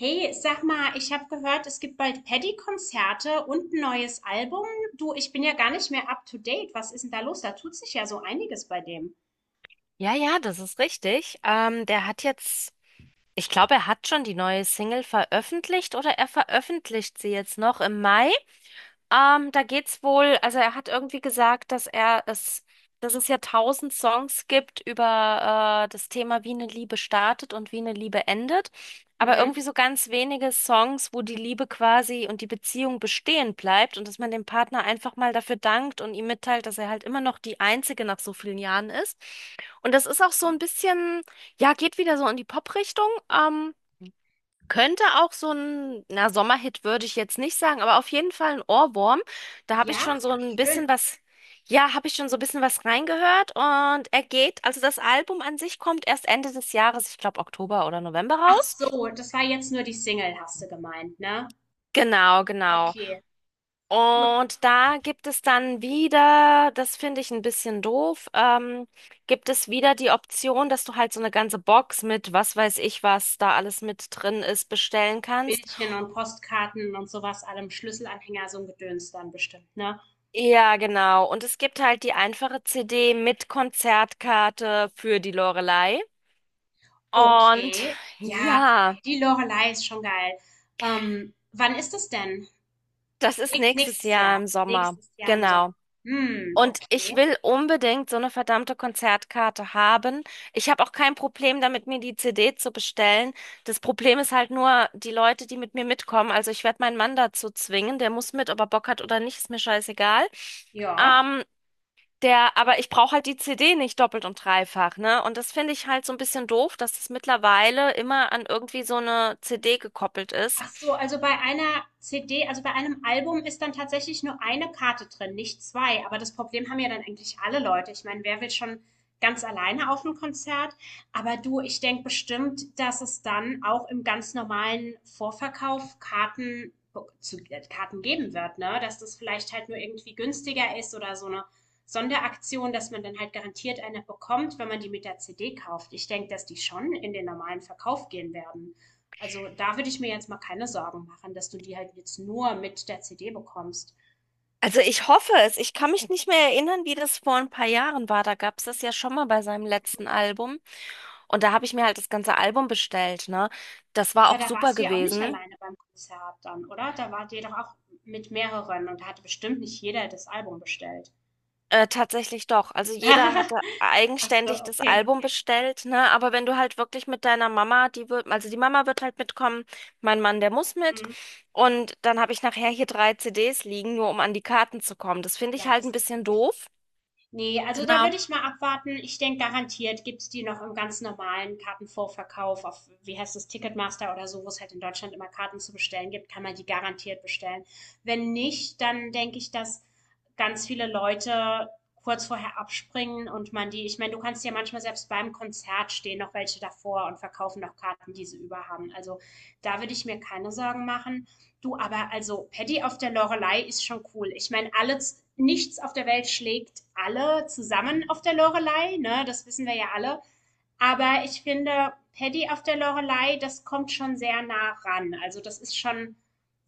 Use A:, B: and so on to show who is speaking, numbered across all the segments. A: Hey, sag mal, ich habe gehört, es gibt bald Paddy-Konzerte und ein neues Album. Du, ich bin ja gar nicht mehr up to date. Was ist denn da los? Da tut sich ja so einiges bei dem.
B: Ja, ja, das ist richtig. Der hat jetzt, ich glaube, er hat schon die neue Single veröffentlicht oder er veröffentlicht sie jetzt noch im Mai. Da geht's wohl, also er hat irgendwie gesagt, dass er es, dass es ja tausend Songs gibt über das Thema, wie eine Liebe startet und wie eine Liebe endet, aber
A: Mhm.
B: irgendwie so ganz wenige Songs, wo die Liebe quasi und die Beziehung bestehen bleibt und dass man dem Partner einfach mal dafür dankt und ihm mitteilt, dass er halt immer noch die Einzige nach so vielen Jahren ist. Und das ist auch so ein bisschen, ja, geht wieder so in die Pop-Richtung. Könnte auch so ein, na, Sommerhit würde ich jetzt nicht sagen, aber auf jeden Fall ein Ohrwurm. Da habe ich
A: Ja,
B: schon so
A: ach
B: ein
A: schön.
B: bisschen was, ja, habe ich schon so ein bisschen was reingehört und er geht, also das Album an sich kommt erst Ende des Jahres, ich glaube Oktober oder November
A: Ach
B: raus.
A: so, das war jetzt nur die Single, hast du gemeint, ne?
B: Genau, genau.
A: Okay, gut.
B: Und da gibt es dann wieder, das finde ich ein bisschen doof, gibt es wieder die Option, dass du halt so eine ganze Box mit was weiß ich was da alles mit drin ist bestellen kannst.
A: Bildchen und Postkarten und sowas, allem Schlüsselanhänger, so ein Gedöns dann bestimmt, ne?
B: Ja, genau. Und es gibt halt die einfache CD mit Konzertkarte für die Loreley. Und
A: Okay, ja,
B: ja,
A: Paddy Lorelei ist schon geil. Wann ist das denn?
B: das ist nächstes
A: Nächstes
B: Jahr
A: Jahr.
B: im Sommer.
A: Nächstes Jahr im Sommer.
B: Genau.
A: Hm,
B: Und ich
A: okay.
B: will unbedingt so eine verdammte Konzertkarte haben. Ich habe auch kein Problem damit, mir die CD zu bestellen. Das Problem ist halt nur die Leute, die mit mir mitkommen. Also ich werde meinen Mann dazu zwingen. Der muss mit, ob er Bock hat oder nicht, ist mir scheißegal.
A: Ja.
B: Ähm, Der, aber ich brauche halt die CD nicht doppelt und dreifach, ne? Und das finde ich halt so ein bisschen doof, dass es mittlerweile immer an irgendwie so eine CD gekoppelt ist.
A: Ach so, also bei einer CD, also bei einem Album ist dann tatsächlich nur eine Karte drin, nicht zwei. Aber das Problem haben ja dann eigentlich alle Leute. Ich meine, wer will schon ganz alleine auf ein Konzert? Aber du, ich denke bestimmt, dass es dann auch im ganz normalen Vorverkauf Karten zu Karten geben wird, ne? Dass das vielleicht halt nur irgendwie günstiger ist oder so eine Sonderaktion, dass man dann halt garantiert eine bekommt, wenn man die mit der CD kauft. Ich denke, dass die schon in den normalen Verkauf gehen werden. Also da würde ich mir jetzt mal keine Sorgen machen, dass du die halt jetzt nur mit der CD bekommst.
B: Also ich hoffe es. Ich kann mich nicht mehr erinnern, wie das vor ein paar Jahren war. Da gab es das ja schon mal bei seinem letzten Album. Und da habe ich mir halt das ganze Album bestellt, ne? Das war
A: Aber
B: auch
A: da
B: super
A: warst du ja auch nicht
B: gewesen.
A: alleine beim Konzert dann, oder? Da wart ihr doch auch mit mehreren und da hatte bestimmt nicht jeder das Album bestellt.
B: Tatsächlich doch. Also jeder hatte
A: Ach so,
B: eigenständig das
A: okay.
B: Album bestellt, ne? Aber wenn du halt wirklich mit deiner Mama, die wird, also die Mama wird halt mitkommen, mein Mann, der muss mit.
A: Hm.
B: Und dann habe ich nachher hier drei CDs liegen, nur um an die Karten zu kommen. Das finde
A: Ja,
B: ich halt
A: das
B: ein
A: ist
B: bisschen
A: doof.
B: doof.
A: Nee, also da
B: Genau.
A: würde ich mal abwarten. Ich denke, garantiert gibt's die noch im ganz normalen Kartenvorverkauf auf, wie heißt das, Ticketmaster oder so, wo es halt in Deutschland immer Karten zu bestellen gibt, kann man die garantiert bestellen. Wenn nicht, dann denke ich, dass ganz viele Leute kurz vorher abspringen und man die, ich meine, du kannst ja manchmal selbst beim Konzert stehen noch welche davor und verkaufen noch Karten, die sie über haben. Also da würde ich mir keine Sorgen machen. Du, aber also Paddy auf der Lorelei ist schon cool. Ich meine, alle, nichts auf der Welt schlägt alle zusammen auf der Lorelei, ne? Das wissen wir ja alle. Aber ich finde, Paddy auf der Lorelei, das kommt schon sehr nah ran. Also das ist schon,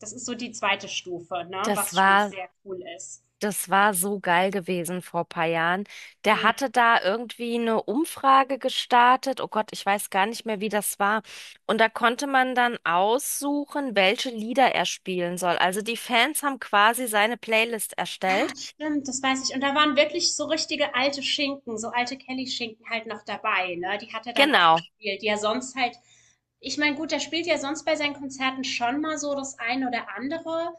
A: das ist so die zweite Stufe, ne?
B: Das
A: Was schon
B: war
A: sehr cool ist.
B: Das war so geil gewesen vor paar Jahren. Der
A: Mm.
B: hatte da irgendwie eine Umfrage gestartet. Oh Gott, ich weiß gar nicht mehr, wie das war. Und da konnte man dann aussuchen, welche Lieder er spielen soll. Also die Fans haben quasi seine Playlist
A: Ah,
B: erstellt.
A: stimmt, das weiß ich. Und da waren wirklich so richtige alte Schinken, so alte Kelly-Schinken halt noch dabei, ne? Die hat er dann auch
B: Genau.
A: gespielt, die ja sonst halt, ich meine, gut, der spielt ja sonst bei seinen Konzerten schon mal so das eine oder andere,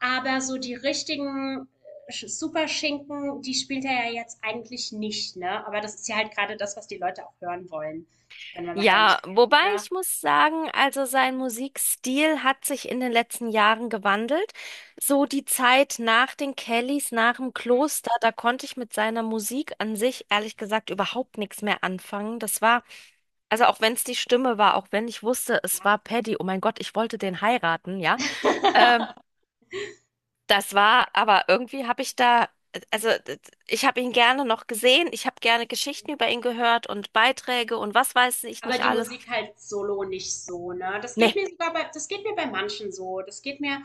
A: aber so die richtigen Superschinken, die spielt er ja jetzt eigentlich nicht, ne? Aber das ist ja halt gerade das, was die Leute auch hören wollen, wenn wir mal ehrlich
B: Ja,
A: sind,
B: wobei
A: ne?
B: ich muss sagen, also sein Musikstil hat sich in den letzten Jahren gewandelt. So die Zeit nach den Kellys, nach dem Kloster, da konnte ich mit seiner Musik an sich ehrlich gesagt überhaupt nichts mehr anfangen. Das war, also auch wenn es die Stimme war, auch wenn ich wusste, es war Paddy, oh mein Gott, ich wollte den heiraten, ja. Ähm,
A: Ja.
B: das war, aber irgendwie habe ich da, also d- ich habe ihn gerne noch gesehen, ich habe gerne Geschichten über ihn gehört und Beiträge und was weiß ich
A: Aber
B: nicht
A: die
B: alles.
A: Musik halt solo nicht so, ne? Das geht
B: Nee,
A: mir sogar bei, das geht mir bei manchen so. Das geht mir,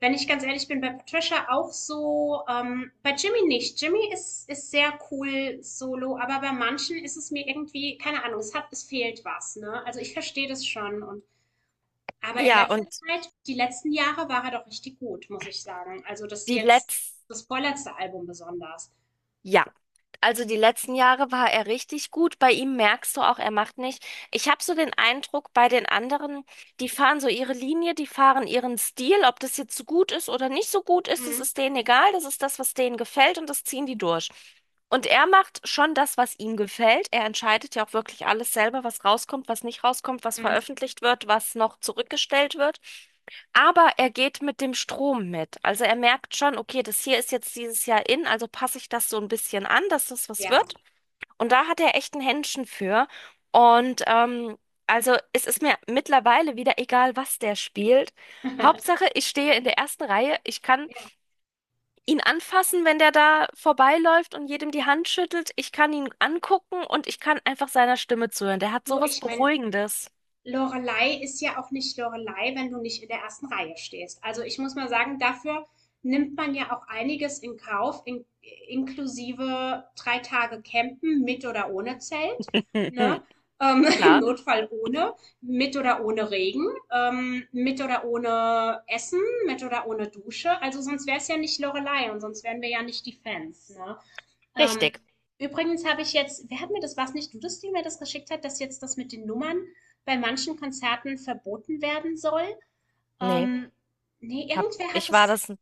A: wenn ich ganz ehrlich bin, bei Patricia auch so, bei Jimmy nicht. Jimmy ist, ist sehr cool solo, aber bei manchen ist es mir irgendwie, keine Ahnung, es hat, es fehlt was, ne? Also ich verstehe das schon und, aber in
B: ja, und
A: letzter Zeit, die letzten Jahre war er doch richtig gut, muss ich sagen. Also das
B: die
A: jetzt,
B: letzten,
A: das vorletzte Album besonders.
B: ja, die letzten Jahre war er richtig gut. Bei ihm merkst du auch, er macht nicht. Ich habe so den Eindruck, bei den anderen, die fahren so ihre Linie, die fahren ihren Stil, ob das jetzt so gut ist oder nicht so gut ist, das
A: Mhm.
B: ist denen egal, das ist das, was denen gefällt und das ziehen die durch. Und er macht schon das, was ihm gefällt. Er entscheidet ja auch wirklich alles selber, was rauskommt, was nicht rauskommt, was
A: Mhm.
B: veröffentlicht wird, was noch zurückgestellt wird. Aber er geht mit dem Strom mit. Also er merkt schon, okay, das hier ist jetzt dieses Jahr in, also passe ich das so ein bisschen an, dass das was
A: Ja.
B: wird. Und da hat er echt ein Händchen für. Und also es ist mir mittlerweile wieder egal, was der spielt. Hauptsache, ich stehe in der ersten Reihe. Ich kann
A: Ja,
B: ihn anfassen, wenn der da vorbeiläuft und jedem die Hand schüttelt. Ich kann ihn angucken und ich kann einfach seiner Stimme zuhören. Der hat
A: du,
B: sowas
A: ich meine,
B: Beruhigendes.
A: Lorelei ist ja auch nicht Lorelei, wenn du nicht in der ersten Reihe stehst. Also ich muss mal sagen, dafür nimmt man ja auch einiges in Kauf, in, inklusive 3 Tage Campen mit oder ohne Zelt, ne? Im
B: Klar,
A: Notfall ohne, mit oder ohne Regen, mit oder ohne Essen, mit oder ohne Dusche. Also sonst wäre es ja nicht Lorelei und sonst wären wir ja nicht die Fans, ne? Ähm,
B: richtig.
A: übrigens habe ich jetzt, wer hat mir das, was nicht du das, die mir das geschickt hat, dass jetzt das mit den Nummern bei manchen Konzerten verboten werden soll?
B: Nee.
A: Ähm, Nee,
B: Hab,
A: irgendwer hat
B: ich war
A: das,
B: das,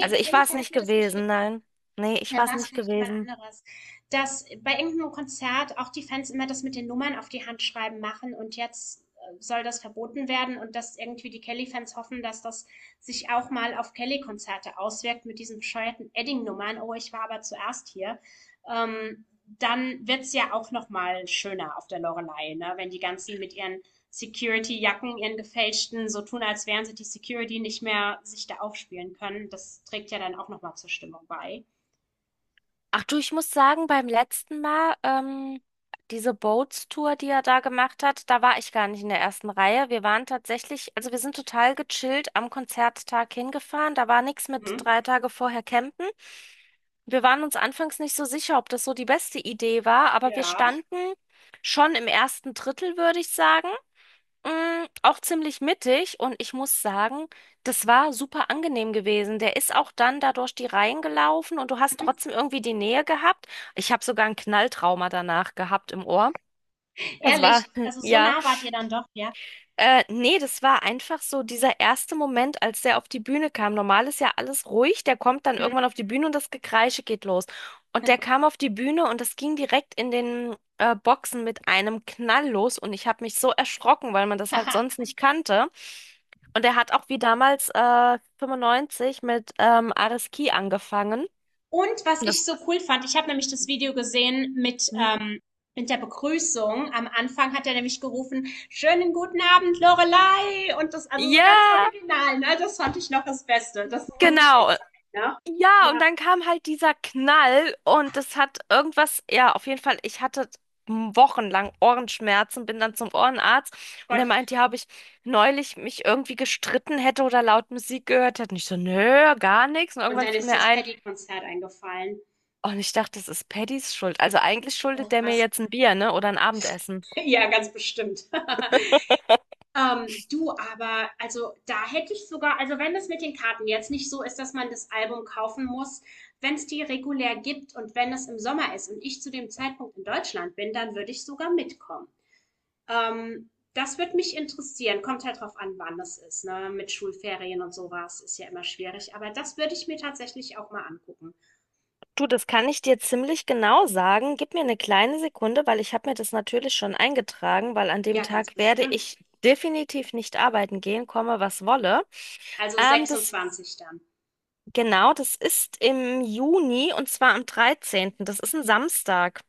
B: also ich war es
A: irgendwer hat
B: nicht
A: mir das
B: gewesen,
A: geschickt.
B: nein. Nee, ich
A: Dann
B: war
A: war
B: es
A: es
B: nicht
A: vielleicht jemand
B: gewesen.
A: anderes. Dass bei irgendeinem Konzert auch die Fans immer das mit den Nummern auf die Hand schreiben machen und jetzt soll das verboten werden und dass irgendwie die Kelly-Fans hoffen, dass das sich auch mal auf Kelly-Konzerte auswirkt mit diesen bescheuerten Edding-Nummern. Oh, ich war aber zuerst hier. Ähm, dann wird's ja auch noch mal schöner auf der Loreley, ne? Wenn die ganzen mit ihren Security-Jacken, ihren gefälschten, so tun, als wären sie die Security nicht mehr, sich da aufspielen können. Das trägt ja dann auch noch mal zur Stimmung bei.
B: Ach du, ich muss sagen, beim letzten Mal, diese Boats-Tour, die er da gemacht hat, da war ich gar nicht in der ersten Reihe. Wir waren tatsächlich, also wir sind total gechillt am Konzerttag hingefahren. Da war nichts mit
A: Mhm.
B: 3 Tage vorher campen. Wir waren uns anfangs nicht so sicher, ob das so die beste Idee war, aber wir
A: Ja.
B: standen schon im ersten Drittel, würde ich sagen. Auch ziemlich mittig und ich muss sagen, das war super angenehm gewesen. Der ist auch dann da durch die Reihen gelaufen und du hast
A: Mhm.
B: trotzdem irgendwie die Nähe gehabt. Ich habe sogar ein Knalltrauma danach gehabt im Ohr. Das war,
A: Ehrlich, also so
B: ja.
A: nah wart ihr dann doch, ja.
B: Nee, das war einfach so dieser erste Moment, als der auf die Bühne kam. Normal ist ja alles ruhig, der kommt dann
A: Mhm.
B: irgendwann auf die Bühne und das Gekreische geht los. Und der kam auf die Bühne und das ging direkt in den Boxen mit einem Knall los und ich habe mich so erschrocken, weil man das halt
A: Haha.
B: sonst nicht kannte. Und er hat auch wie damals 95 mit Ares Key angefangen.
A: Und was ich
B: Das
A: so cool fand, ich habe nämlich das Video gesehen
B: Hm?
A: mit der Begrüßung. Am Anfang hat er nämlich gerufen, schönen guten Abend, Lorelei. Und das, also so
B: Ja,
A: ganz original, ne? Das fand ich noch das Beste. Das muss halt
B: genau.
A: sein, ne?
B: Ja, und
A: Ja,
B: dann kam halt dieser Knall und das hat irgendwas, ja, auf jeden Fall, ich hatte wochenlang Ohrenschmerzen, bin dann zum Ohrenarzt und der
A: Gott.
B: meint ja, habe ich neulich mich irgendwie gestritten hätte oder laut Musik gehört hätte. Und ich so, nö, gar nichts. Und
A: Und
B: irgendwann
A: dann
B: fiel
A: ist dir
B: mir
A: das
B: ein,
A: Paddy-Konzert eingefallen.
B: oh, und ich dachte, das ist Paddys Schuld. Also eigentlich
A: Oh,
B: schuldet der mir
A: krass.
B: jetzt ein Bier, ne, oder ein Abendessen.
A: Ja, ganz bestimmt. Du, aber also da hätte ich sogar, also wenn es mit den Karten jetzt nicht so ist, dass man das Album kaufen muss, wenn es die regulär gibt und wenn es im Sommer ist und ich zu dem Zeitpunkt in Deutschland bin, dann würde ich sogar mitkommen. Das würde mich interessieren. Kommt halt drauf an, wann das ist, ne? Mit Schulferien und sowas ist ja immer schwierig, aber das würde ich mir tatsächlich auch mal angucken.
B: Du, das kann ich dir ziemlich genau sagen. Gib mir eine kleine Sekunde, weil ich habe mir das natürlich schon eingetragen, weil an dem
A: Ja, ganz
B: Tag werde
A: bestimmt.
B: ich definitiv nicht arbeiten gehen, komme was wolle.
A: Also
B: Das
A: 26 dann.
B: genau, das ist im Juni und zwar am dreizehnten. Das ist ein Samstag.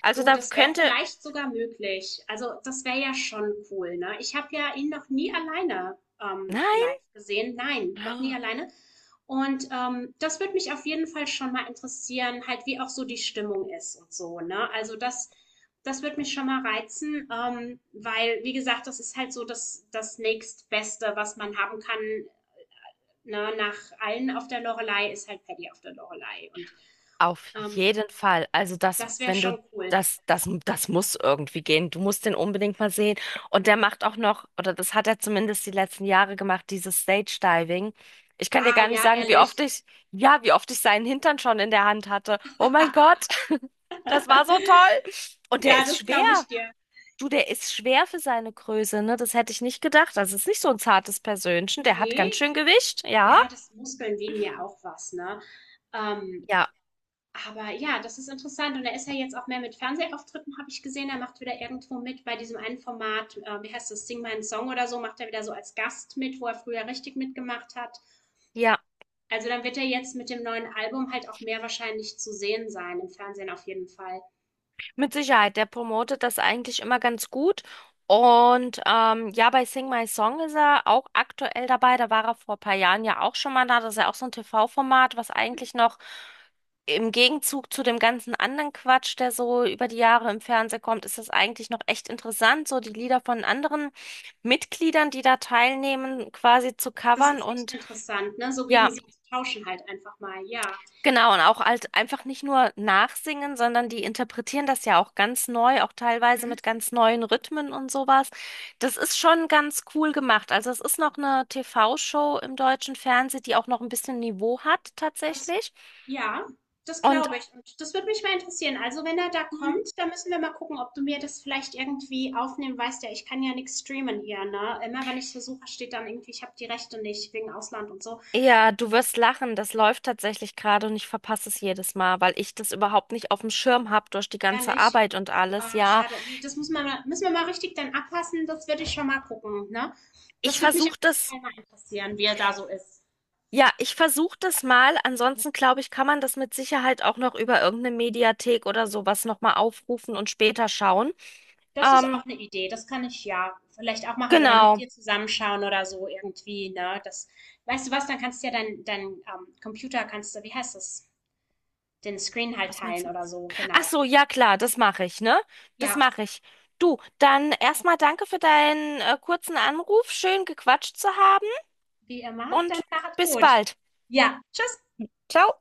B: Also
A: Du,
B: da
A: das wäre
B: könnte,
A: vielleicht sogar möglich. Also das wäre ja schon cool, ne? Ich habe ja ihn noch nie alleine live
B: nein.
A: gesehen. Nein, noch nie alleine. Und das würde mich auf jeden Fall schon mal interessieren, halt wie auch so die Stimmung ist und so, ne? Also das, das, würde mich schon mal reizen, weil, wie gesagt, das ist halt so das nächstbeste, was man haben kann, ne? Nach allen auf der Loreley ist halt Paddy auf der Loreley. Und
B: Auf
A: ähm,
B: jeden Fall. Also das,
A: das wäre
B: wenn du
A: schon cool.
B: das muss irgendwie gehen. Du musst den unbedingt mal sehen. Und der macht auch noch, oder das hat er zumindest die letzten Jahre gemacht, dieses Stage Diving. Ich kann dir
A: Ah,
B: gar nicht
A: ja,
B: sagen,
A: ehrlich.
B: wie oft ich seinen Hintern schon in der Hand hatte. Oh mein Gott, das war so toll. Und der
A: Ja,
B: ist
A: das
B: schwer.
A: glaube ich dir.
B: Du, der ist schwer für seine Größe, ne? Das hätte ich nicht gedacht. Das ist nicht so ein zartes Persönchen. Der hat ganz
A: Ne,
B: schön Gewicht. Ja,
A: ja, das Muskeln wegen ja auch was, ne? Ähm,
B: ja,
A: aber ja, das ist interessant. Und er ist ja jetzt auch mehr mit Fernsehauftritten, habe ich gesehen. Er macht wieder irgendwo mit bei diesem einen Format, wie heißt das, Sing meinen Song oder so, macht er wieder so als Gast mit, wo er früher richtig mitgemacht hat.
B: ja.
A: Also dann wird er jetzt mit dem neuen Album halt auch mehr wahrscheinlich zu sehen sein, im Fernsehen auf jeden Fall.
B: Mit Sicherheit, der promotet das eigentlich immer ganz gut. Und ja, bei Sing My Song ist er auch aktuell dabei. Da war er vor ein paar Jahren ja auch schon mal da. Das ist ja auch so ein TV-Format, was eigentlich noch im Gegenzug zu dem ganzen anderen Quatsch, der so über die Jahre im Fernsehen kommt, ist das eigentlich noch echt interessant, so die Lieder von anderen Mitgliedern, die da teilnehmen, quasi zu
A: Das
B: covern.
A: ist echt
B: Und
A: interessant, ne? So gegen
B: ja,
A: sie zu tauschen halt einfach mal, ja.
B: genau, und auch halt einfach nicht nur nachsingen, sondern die interpretieren das ja auch ganz neu, auch teilweise
A: Mhm.
B: mit ganz neuen Rhythmen und sowas. Das ist schon ganz cool gemacht. Also es ist noch eine TV-Show im deutschen Fernsehen, die auch noch ein bisschen Niveau hat
A: Das
B: tatsächlich.
A: Ja, das
B: Und
A: glaube ich. Und das würde mich mal interessieren. Also, wenn er da
B: Mhm.
A: kommt, dann müssen wir mal gucken, ob du mir das vielleicht irgendwie aufnehmen weißt. Ja, ich kann ja nichts streamen hier, ne? Immer wenn ich versuche, steht dann irgendwie, ich habe die Rechte nicht wegen Ausland und so.
B: Ja, du wirst lachen, das läuft tatsächlich gerade und ich verpasse es jedes Mal, weil ich das überhaupt nicht auf dem Schirm habe durch die ganze
A: Ehrlich.
B: Arbeit und alles.
A: Ah,
B: Ja,
A: schade. Nee, Das muss man, mal- müssen wir mal richtig dann abpassen. Das würde ich schon mal gucken, ne?
B: ich
A: Das würde mich auf
B: versuche
A: jeden
B: das
A: Fall mal interessieren, wie er da so ist.
B: Ja, ich versuche das mal. Ansonsten glaube ich, kann man das mit Sicherheit auch noch über irgendeine Mediathek oder sowas nochmal aufrufen und später schauen.
A: Das ist
B: Ähm,
A: auch eine Idee, das kann ich ja vielleicht auch machen oder Ja. mit
B: genau.
A: dir zusammenschauen oder so irgendwie, ne? Das weißt du was, dann kannst du ja dein Computer kannst du wie heißt das, den Screen halt
B: Was meinst
A: teilen
B: du?
A: oder so, genau.
B: Ach so, ja klar, das mache ich, ne? Das
A: Ja,
B: mache ich. Du, dann erstmal danke für deinen kurzen Anruf. Schön gequatscht zu haben
A: wie immer, dann
B: und
A: macht's
B: bis
A: gut.
B: bald.
A: Ja, tschüss.
B: Ciao.